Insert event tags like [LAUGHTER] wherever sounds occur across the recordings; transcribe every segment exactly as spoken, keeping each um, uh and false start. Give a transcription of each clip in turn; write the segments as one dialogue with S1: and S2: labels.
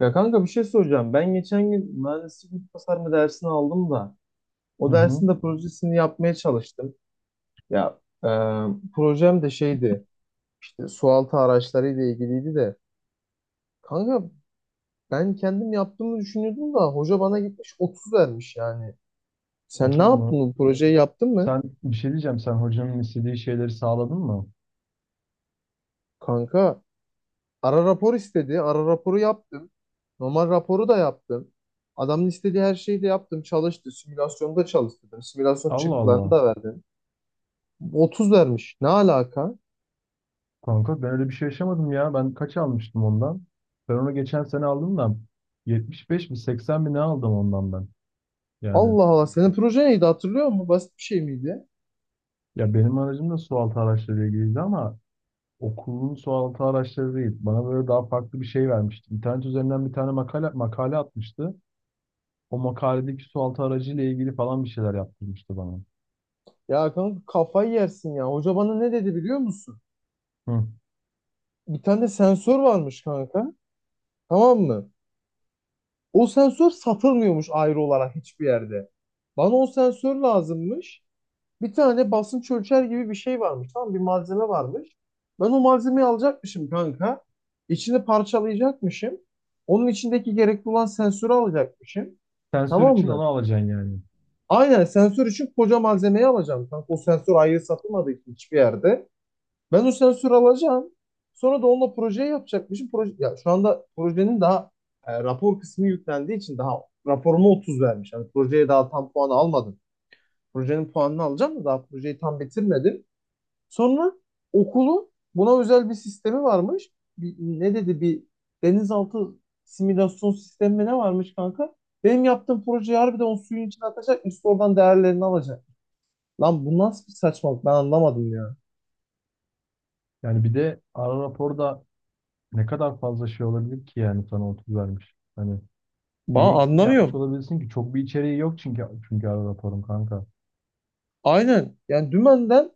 S1: Ya kanka bir şey soracağım. Ben geçen gün mühendislik ve tasarımı dersini aldım da
S2: Hı
S1: o
S2: hı.
S1: dersin de projesini yapmaya çalıştım. Ya e, projem de şeydi, işte sualtı araçlarıyla ilgiliydi de kanka, ben kendim yaptığımı düşünüyordum da hoca bana gitmiş otuz vermiş yani. Sen ne
S2: otuz
S1: yaptın,
S2: mu?
S1: bu projeyi yaptın mı?
S2: Sen bir şey diyeceğim. Sen hocanın istediği şeyleri sağladın mı?
S1: Kanka ara rapor istedi. Ara raporu yaptım. Normal raporu da yaptım. Adamın istediği her şeyi de yaptım. Çalıştı. Simülasyonda çalıştırdım. Simülasyon
S2: Allah
S1: çıktılarını
S2: Allah.
S1: da verdim. Otuz vermiş. Ne alaka?
S2: Kanka ben öyle bir şey yaşamadım ya. Ben kaç almıştım ondan? Ben onu geçen sene aldım da yetmiş beş mi seksen mi ne aldım ondan ben. Yani
S1: Allah Allah, senin proje neydi, hatırlıyor musun? Basit bir şey miydi?
S2: ya benim aracım da sualtı araçlarıyla ilgiliydi ama okulun sualtı araçları değil. Bana böyle daha farklı bir şey vermişti. İnternet üzerinden bir tane makale, makale atmıştı. O makaledeki sualtı aracıyla ilgili falan bir şeyler yaptırmıştı bana.
S1: Ya kanka, kafayı yersin ya. Hoca bana ne dedi biliyor musun?
S2: Hı.
S1: Bir tane sensör varmış kanka. Tamam mı? O sensör satılmıyormuş ayrı olarak hiçbir yerde. Bana o sensör lazımmış. Bir tane basınç ölçer gibi bir şey varmış. Tamam mı? Bir malzeme varmış. Ben o malzemeyi alacakmışım kanka. İçini parçalayacakmışım. Onun içindeki gerekli olan sensörü alacakmışım.
S2: Sensör
S1: Tamam
S2: için onu
S1: mı?
S2: alacaksın yani.
S1: Aynen, sensör için koca malzemeyi alacağım. Kanka o sensör ayrı satılmadı hiçbir yerde. Ben o sensörü alacağım. Sonra da onunla projeyi yapacakmışım. Proje, ya şu anda projenin daha e, rapor kısmı yüklendiği için daha raporuma otuz vermiş. Yani projeye daha tam puanı almadım. Projenin puanını alacağım da daha projeyi tam bitirmedim. Sonra okulun buna özel bir sistemi varmış. Bir- ne dedi, bir denizaltı simülasyon sistemi mi ne varmış kanka? Benim yaptığım projeyi harbiden o suyun içine atacakmış. Oradan değerlerini alacak. Lan bu nasıl bir saçmalık, ben anlamadım ya.
S2: Yani bir de ara raporda ne kadar fazla şey olabilir ki yani sana otuz vermiş. Hani neyi
S1: Ba
S2: eksik yapmış
S1: anlamıyorum.
S2: olabilirsin ki? Çok bir içeriği yok çünkü çünkü ara raporun kanka.
S1: Aynen. Yani dümenden,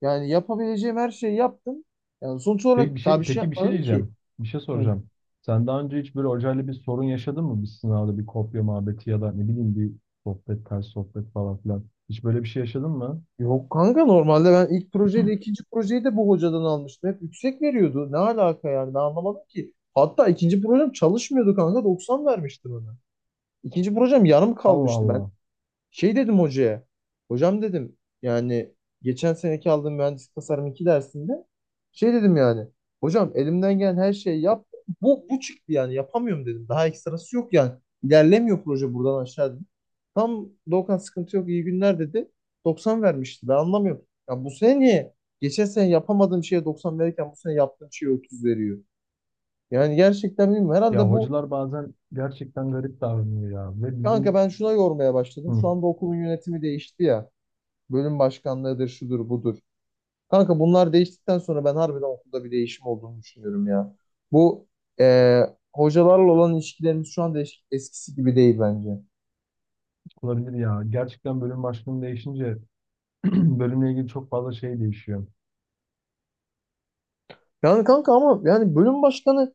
S1: yani yapabileceğim her şeyi yaptım. Yani sonuç
S2: Peki bir
S1: olarak daha
S2: şey
S1: bir şey
S2: peki bir şey
S1: yapmadım ki.
S2: diyeceğim. Bir şey
S1: Hı.
S2: soracağım. Sen daha önce hiç böyle hocayla bir sorun yaşadın mı? Bir sınavda bir kopya muhabbeti ya da ne bileyim bir sohbet, ters sohbet falan filan. Hiç böyle bir şey yaşadın mı?
S1: Yok kanka, normalde ben ilk projeyle ikinci projeyi de bu hocadan almıştım. Hep yüksek veriyordu. Ne alaka yani, ben anlamadım ki. Hatta ikinci projem çalışmıyordu kanka, doksan vermişti bana. İkinci projem yarım
S2: Allah
S1: kalmıştı. Ben
S2: Allah.
S1: şey dedim hocaya. Hocam dedim, yani geçen seneki aldığım mühendislik tasarım iki dersinde şey dedim yani. Hocam, elimden gelen her şeyi yap. Bu, bu çıktı, yani yapamıyorum dedim. Daha ekstrası yok yani. İlerlemiyor proje buradan aşağı dedim. Tam Doğukan, sıkıntı yok, iyi günler dedi. Doksan vermişti, ben anlamıyorum. Ya bu sene niye? Geçen sene yapamadığım şeye doksan verirken bu sene yaptığım şeye otuz veriyor. Yani gerçekten bilmiyorum.
S2: Ya
S1: Herhalde bu,
S2: hocalar bazen gerçekten garip davranıyor ya. Ve
S1: kanka
S2: bizim
S1: ben şuna yormaya başladım.
S2: Hı,
S1: Şu anda okulun yönetimi değişti ya. Bölüm başkanlığıdır, şudur, budur. Kanka bunlar değiştikten sonra ben harbiden okulda bir değişim olduğunu düşünüyorum ya. Bu e, hocalarla olan ilişkilerimiz şu anda eş- eskisi gibi değil bence.
S2: olabilir ya. Gerçekten bölüm başlığım değişince [CLEARS THROAT] bölümle ilgili çok fazla şey değişiyor.
S1: Yani kanka ama yani, bölüm başkanı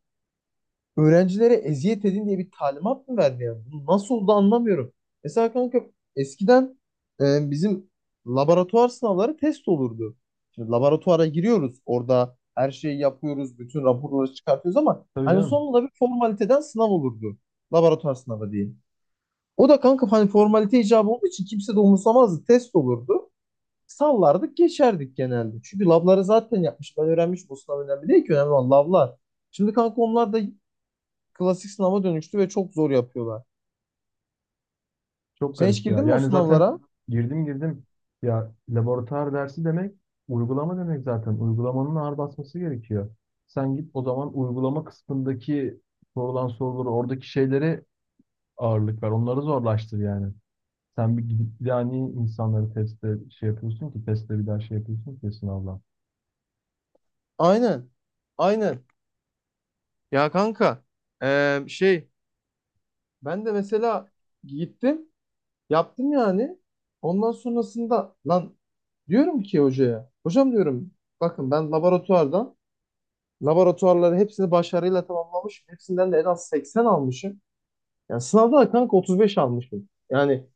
S1: öğrencilere eziyet edin diye bir talimat mı verdi yani? Bu nasıl oldu anlamıyorum. Mesela kanka, eskiden e, bizim laboratuvar sınavları test olurdu. Şimdi laboratuvara giriyoruz. Orada her şeyi yapıyoruz. Bütün raporları çıkartıyoruz ama
S2: Tabii
S1: hani
S2: canım.
S1: sonunda bir formaliteden sınav olurdu. Laboratuvar sınavı diyeyim. O da kanka, hani formalite icabı olduğu için kimse de umursamazdı. Test olurdu. Sallardık geçerdik genelde. Çünkü labları zaten yapmış. Ben öğrenmiş, bu sınav önemli değil ki. Önemli olan lablar. Şimdi kanka onlar da klasik sınava dönüştü ve çok zor yapıyorlar.
S2: Çok
S1: Sen hiç
S2: garip ya.
S1: girdin mi o
S2: Yani zaten
S1: sınavlara?
S2: girdim girdim. Ya laboratuvar dersi demek uygulama demek zaten. Uygulamanın ağır basması gerekiyor. Sen git o zaman uygulama kısmındaki sorulan soruları oradaki şeylere ağırlık ver. Onları zorlaştır yani. Sen bir gidip bir daha niye insanları testte şey yapıyorsun ki? Testte bir daha şey yapıyorsun ki sınavla.
S1: Aynen. Aynen. Ya kanka eee, şey ben de mesela gittim, yaptım yani. Ondan sonrasında lan, diyorum ki hocaya. Hocam diyorum, bakın ben laboratuvardan laboratuvarları hepsini başarıyla tamamlamışım. Hepsinden de en az seksen almışım. Yani sınavda da kanka otuz beş almışım. Yani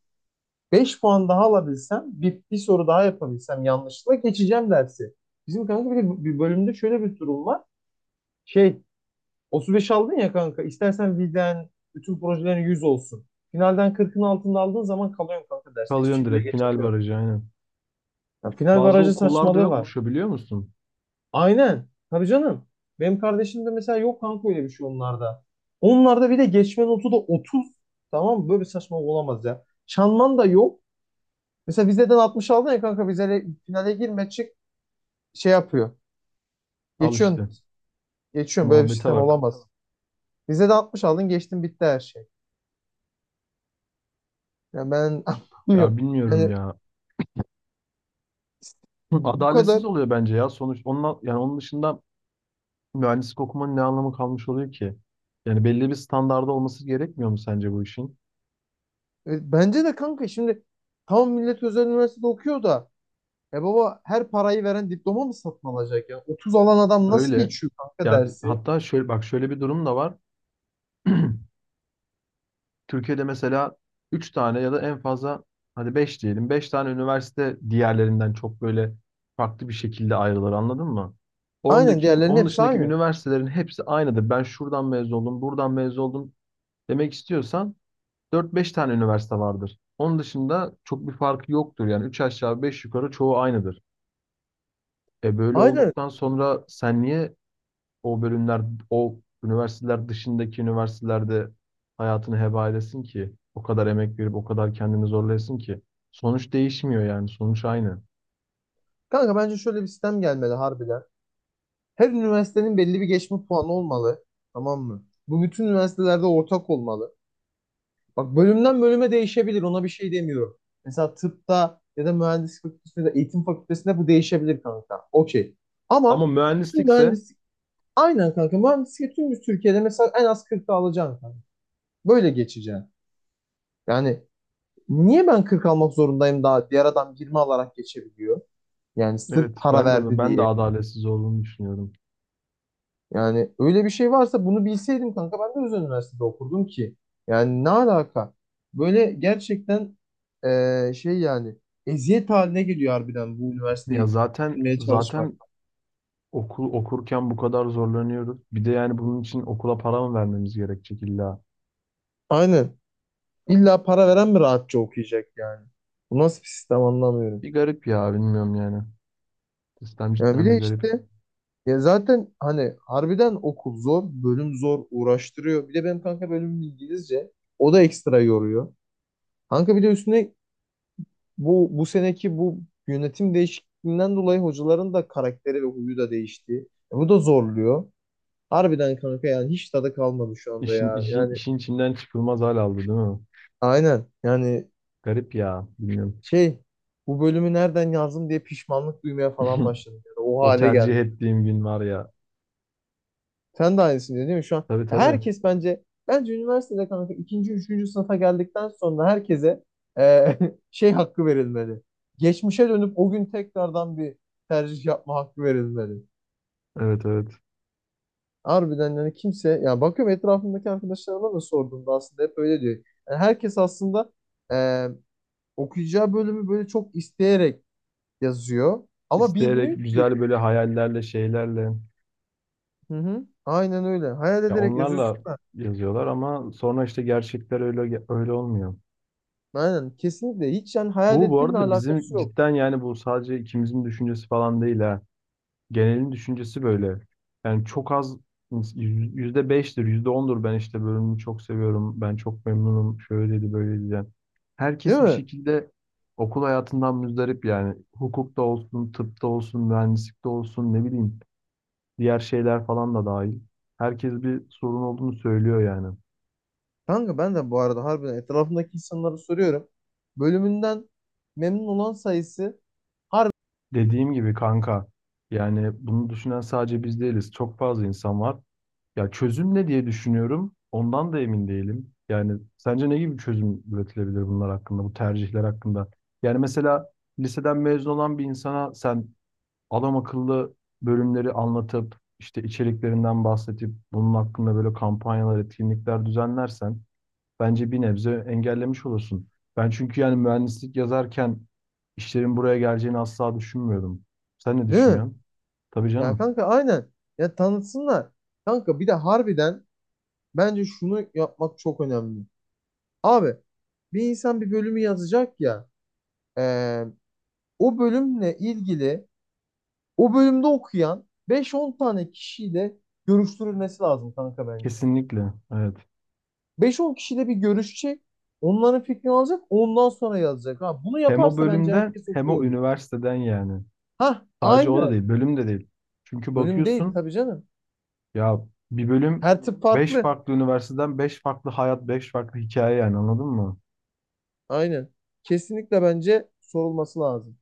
S1: beş puan daha alabilsem, bir, bir soru daha yapabilsem yanlışlıkla geçeceğim dersi. Bizim kanka bir, de bir bölümde şöyle bir durum var. Şey, otuz beş aldın ya kanka, istersen viden bütün projelerin yüz olsun. Finalden kırkın altında aldığın zaman kalıyorsun kanka derste. Hiçbir
S2: Kalıyorsun
S1: şekilde
S2: direkt, final
S1: geçemiyorum.
S2: barajı aynen.
S1: Ya final
S2: Bazı
S1: barajı
S2: okullarda
S1: saçmalığı var.
S2: yokmuş o, biliyor musun?
S1: Aynen. Tabii canım. Benim kardeşim de mesela, yok kanka öyle bir şey onlarda. Onlarda bir de geçme notu da otuz. Tamam mı? Böyle bir saçmalık olamaz ya. Çanman da yok. Mesela vizeden altmış aldın ya kanka, vizele, finale girme çık. Şey yapıyor.
S2: Al işte.
S1: Geçiyorsun. Geçiyorsun. Böyle bir
S2: Muhabbete
S1: sistem
S2: bak.
S1: olamaz. Bize de altmış aldın, geçtin, bitti her şey. Yani ben [LAUGHS]
S2: Ya
S1: anlamıyorum.
S2: bilmiyorum
S1: Yani
S2: ya. [CLEARS THROAT] Hı,
S1: bu kadar.
S2: adaletsiz oluyor bence ya. Sonuç onunla, yani onun dışında mühendislik okumanın ne anlamı kalmış oluyor ki? Yani belli bir standarda olması gerekmiyor mu sence bu işin?
S1: E, Bence de kanka, şimdi tam millet özel üniversitede okuyor da, e baba her parayı veren diploma mı satın alacak ya? Otuz alan adam nasıl
S2: Öyle.
S1: geçiyor kanka
S2: Ya
S1: dersi?
S2: hatta şöyle bak şöyle bir durum da var. [CLEARS THROAT] Türkiye'de mesela üç tane ya da en fazla hadi beş diyelim. Beş tane üniversite diğerlerinden çok böyle farklı bir şekilde ayrılır, anladın mı?
S1: Aynen,
S2: Ondaki,
S1: diğerlerinin
S2: onun
S1: hepsi
S2: dışındaki
S1: aynı.
S2: üniversitelerin hepsi aynıdır. Ben şuradan mezun oldum, buradan mezun oldum demek istiyorsan dört beş tane üniversite vardır. Onun dışında çok bir farkı yoktur. Yani üç aşağı beş yukarı çoğu aynıdır. E böyle
S1: Aynen.
S2: olduktan sonra sen niye o bölümler, o üniversiteler dışındaki üniversitelerde hayatını heba edesin ki? O kadar emek verip o kadar kendini zorlayasın ki. Sonuç değişmiyor yani. Sonuç aynı.
S1: Kanka bence şöyle bir sistem gelmeli harbiden. Her üniversitenin belli bir geçme puanı olmalı. Tamam mı? Bu bütün üniversitelerde ortak olmalı. Bak, bölümden bölüme değişebilir. Ona bir şey demiyorum. Mesela tıpta ya da mühendislik fakültesinde ya da eğitim fakültesinde bu değişebilir kanka. Okey.
S2: Ama
S1: Ama bütün
S2: mühendislikse
S1: mühendislik aynen kanka. Mühendislik, tüm bir Türkiye'de mesela en az kırk alacaksın kanka. Böyle geçeceksin. Yani niye ben kırk almak zorundayım daha, diğer adam yirmi alarak geçebiliyor? Yani sırf
S2: evet,
S1: para
S2: ben de
S1: verdi
S2: ben de
S1: diye.
S2: adaletsiz olduğunu düşünüyorum.
S1: Yani öyle bir şey varsa bunu bilseydim kanka, ben de Özel Üniversitede okurdum ki. Yani ne alaka? Böyle gerçekten eee, şey yani, eziyet haline geliyor harbiden bu
S2: Ya
S1: üniversiteyi
S2: zaten
S1: bitirmeye çalışmak.
S2: zaten okul okurken bu kadar zorlanıyoruz. Bir de yani bunun için okula para mı vermemiz gerekecek illa?
S1: Aynen. İlla para veren mi rahatça okuyacak yani? Bu nasıl bir sistem, anlamıyorum.
S2: Bir garip ya, bilmiyorum yani. İslam
S1: Yani bir
S2: cidden
S1: de
S2: bir garip.
S1: işte, ya zaten hani harbiden okul zor, bölüm zor, uğraştırıyor. Bir de benim kanka bölümüm İngilizce. O da ekstra yoruyor. Kanka bir de üstüne bu bu seneki bu yönetim değişikliğinden dolayı hocaların da karakteri ve huyu da değişti. E, bu da zorluyor. Harbiden kanka, yani hiç tadı kalmadı şu anda
S2: İşin,
S1: ya.
S2: işin,
S1: Yani
S2: işin içinden çıkılmaz hal aldı, değil mi?
S1: aynen yani,
S2: Garip ya, bilmiyorum.
S1: şey, bu bölümü nereden yazdım diye pişmanlık duymaya falan
S2: [LAUGHS]
S1: başladım. Yani o
S2: O
S1: hale
S2: tercih
S1: geldim.
S2: ettiğim gün var ya.
S1: Sen de aynısın değil mi şu an?
S2: Tabii
S1: Ya
S2: tabii.
S1: herkes bence bence üniversitede kanka, ikinci, üçüncü sınıfa geldikten sonra herkese e, [LAUGHS] şey hakkı verilmeli. Geçmişe dönüp o gün tekrardan bir tercih yapma hakkı verilmeli.
S2: Evet evet.
S1: Harbiden yani kimse, ya bakıyorum etrafımdaki arkadaşlarıma da sorduğumda aslında hep öyle diyor. Yani herkes aslında e, okuyacağı bölümü böyle çok isteyerek yazıyor ama
S2: İsteyerek,
S1: bilmiyor ki.
S2: güzel, böyle hayallerle, şeylerle,
S1: Hı hı. Aynen öyle. Hayal
S2: ya
S1: ederek
S2: onlarla
S1: yazıyorsun da.
S2: yazıyorlar ama sonra işte gerçekler öyle öyle olmuyor.
S1: Aynen, kesinlikle, hiç yani hayal
S2: Bu bu
S1: ettiğinle
S2: arada
S1: alakası
S2: bizim
S1: yok.
S2: cidden yani, bu sadece ikimizin düşüncesi falan değil ha. Genelin düşüncesi böyle. Yani çok az, yüzde beştir, yüzde ondur, ben işte bölümümü çok seviyorum, ben çok memnunum, şöyle şöyleydi böyleydi yani.
S1: Değil
S2: Herkes bir
S1: mi?
S2: şekilde okul hayatından müzdarip yani. Hukukta olsun, tıpta olsun, mühendislikte olsun, ne bileyim, diğer şeyler falan da dahil. Herkes bir sorun olduğunu söylüyor yani.
S1: Kanka ben de bu arada harbiden etrafımdaki insanlara soruyorum. Bölümünden memnun olan sayısı
S2: Dediğim gibi kanka, yani bunu düşünen sadece biz değiliz. Çok fazla insan var. Ya çözüm ne diye düşünüyorum. Ondan da emin değilim. Yani sence ne gibi bir çözüm üretilebilir bunlar hakkında, bu tercihler hakkında? Yani mesela liseden mezun olan bir insana sen adam akıllı bölümleri anlatıp işte içeriklerinden bahsedip bunun hakkında böyle kampanyalar, etkinlikler düzenlersen bence bir nebze engellemiş olursun. Ben çünkü yani mühendislik yazarken işlerin buraya geleceğini asla düşünmüyordum. Sen ne
S1: değil mi?
S2: düşünüyorsun? Tabii
S1: Ya
S2: canım.
S1: kanka aynen. Ya tanıtsınlar. Kanka bir de harbiden, bence şunu yapmak çok önemli. Abi bir insan bir bölümü yazacak ya, eee, o bölümle ilgili, o bölümde okuyan beş on tane kişiyle görüştürülmesi lazım kanka bence.
S2: Kesinlikle. Evet.
S1: beş on kişiyle bir görüşecek. Onların fikrini alacak. Ondan sonra yazacak. Ha, bunu
S2: Hem o
S1: yaparsa bence
S2: bölümden
S1: herkes
S2: hem
S1: okuyor
S2: o
S1: olur.
S2: üniversiteden yani.
S1: Ha,
S2: Sadece o da
S1: aynen.
S2: değil, bölüm de değil. Çünkü
S1: Bölüm değil
S2: bakıyorsun
S1: tabii canım.
S2: ya, bir bölüm,
S1: Her tip
S2: beş
S1: farklı.
S2: farklı üniversiteden beş farklı hayat, beş farklı hikaye yani, anladın mı?
S1: Aynen. Kesinlikle bence sorulması lazım.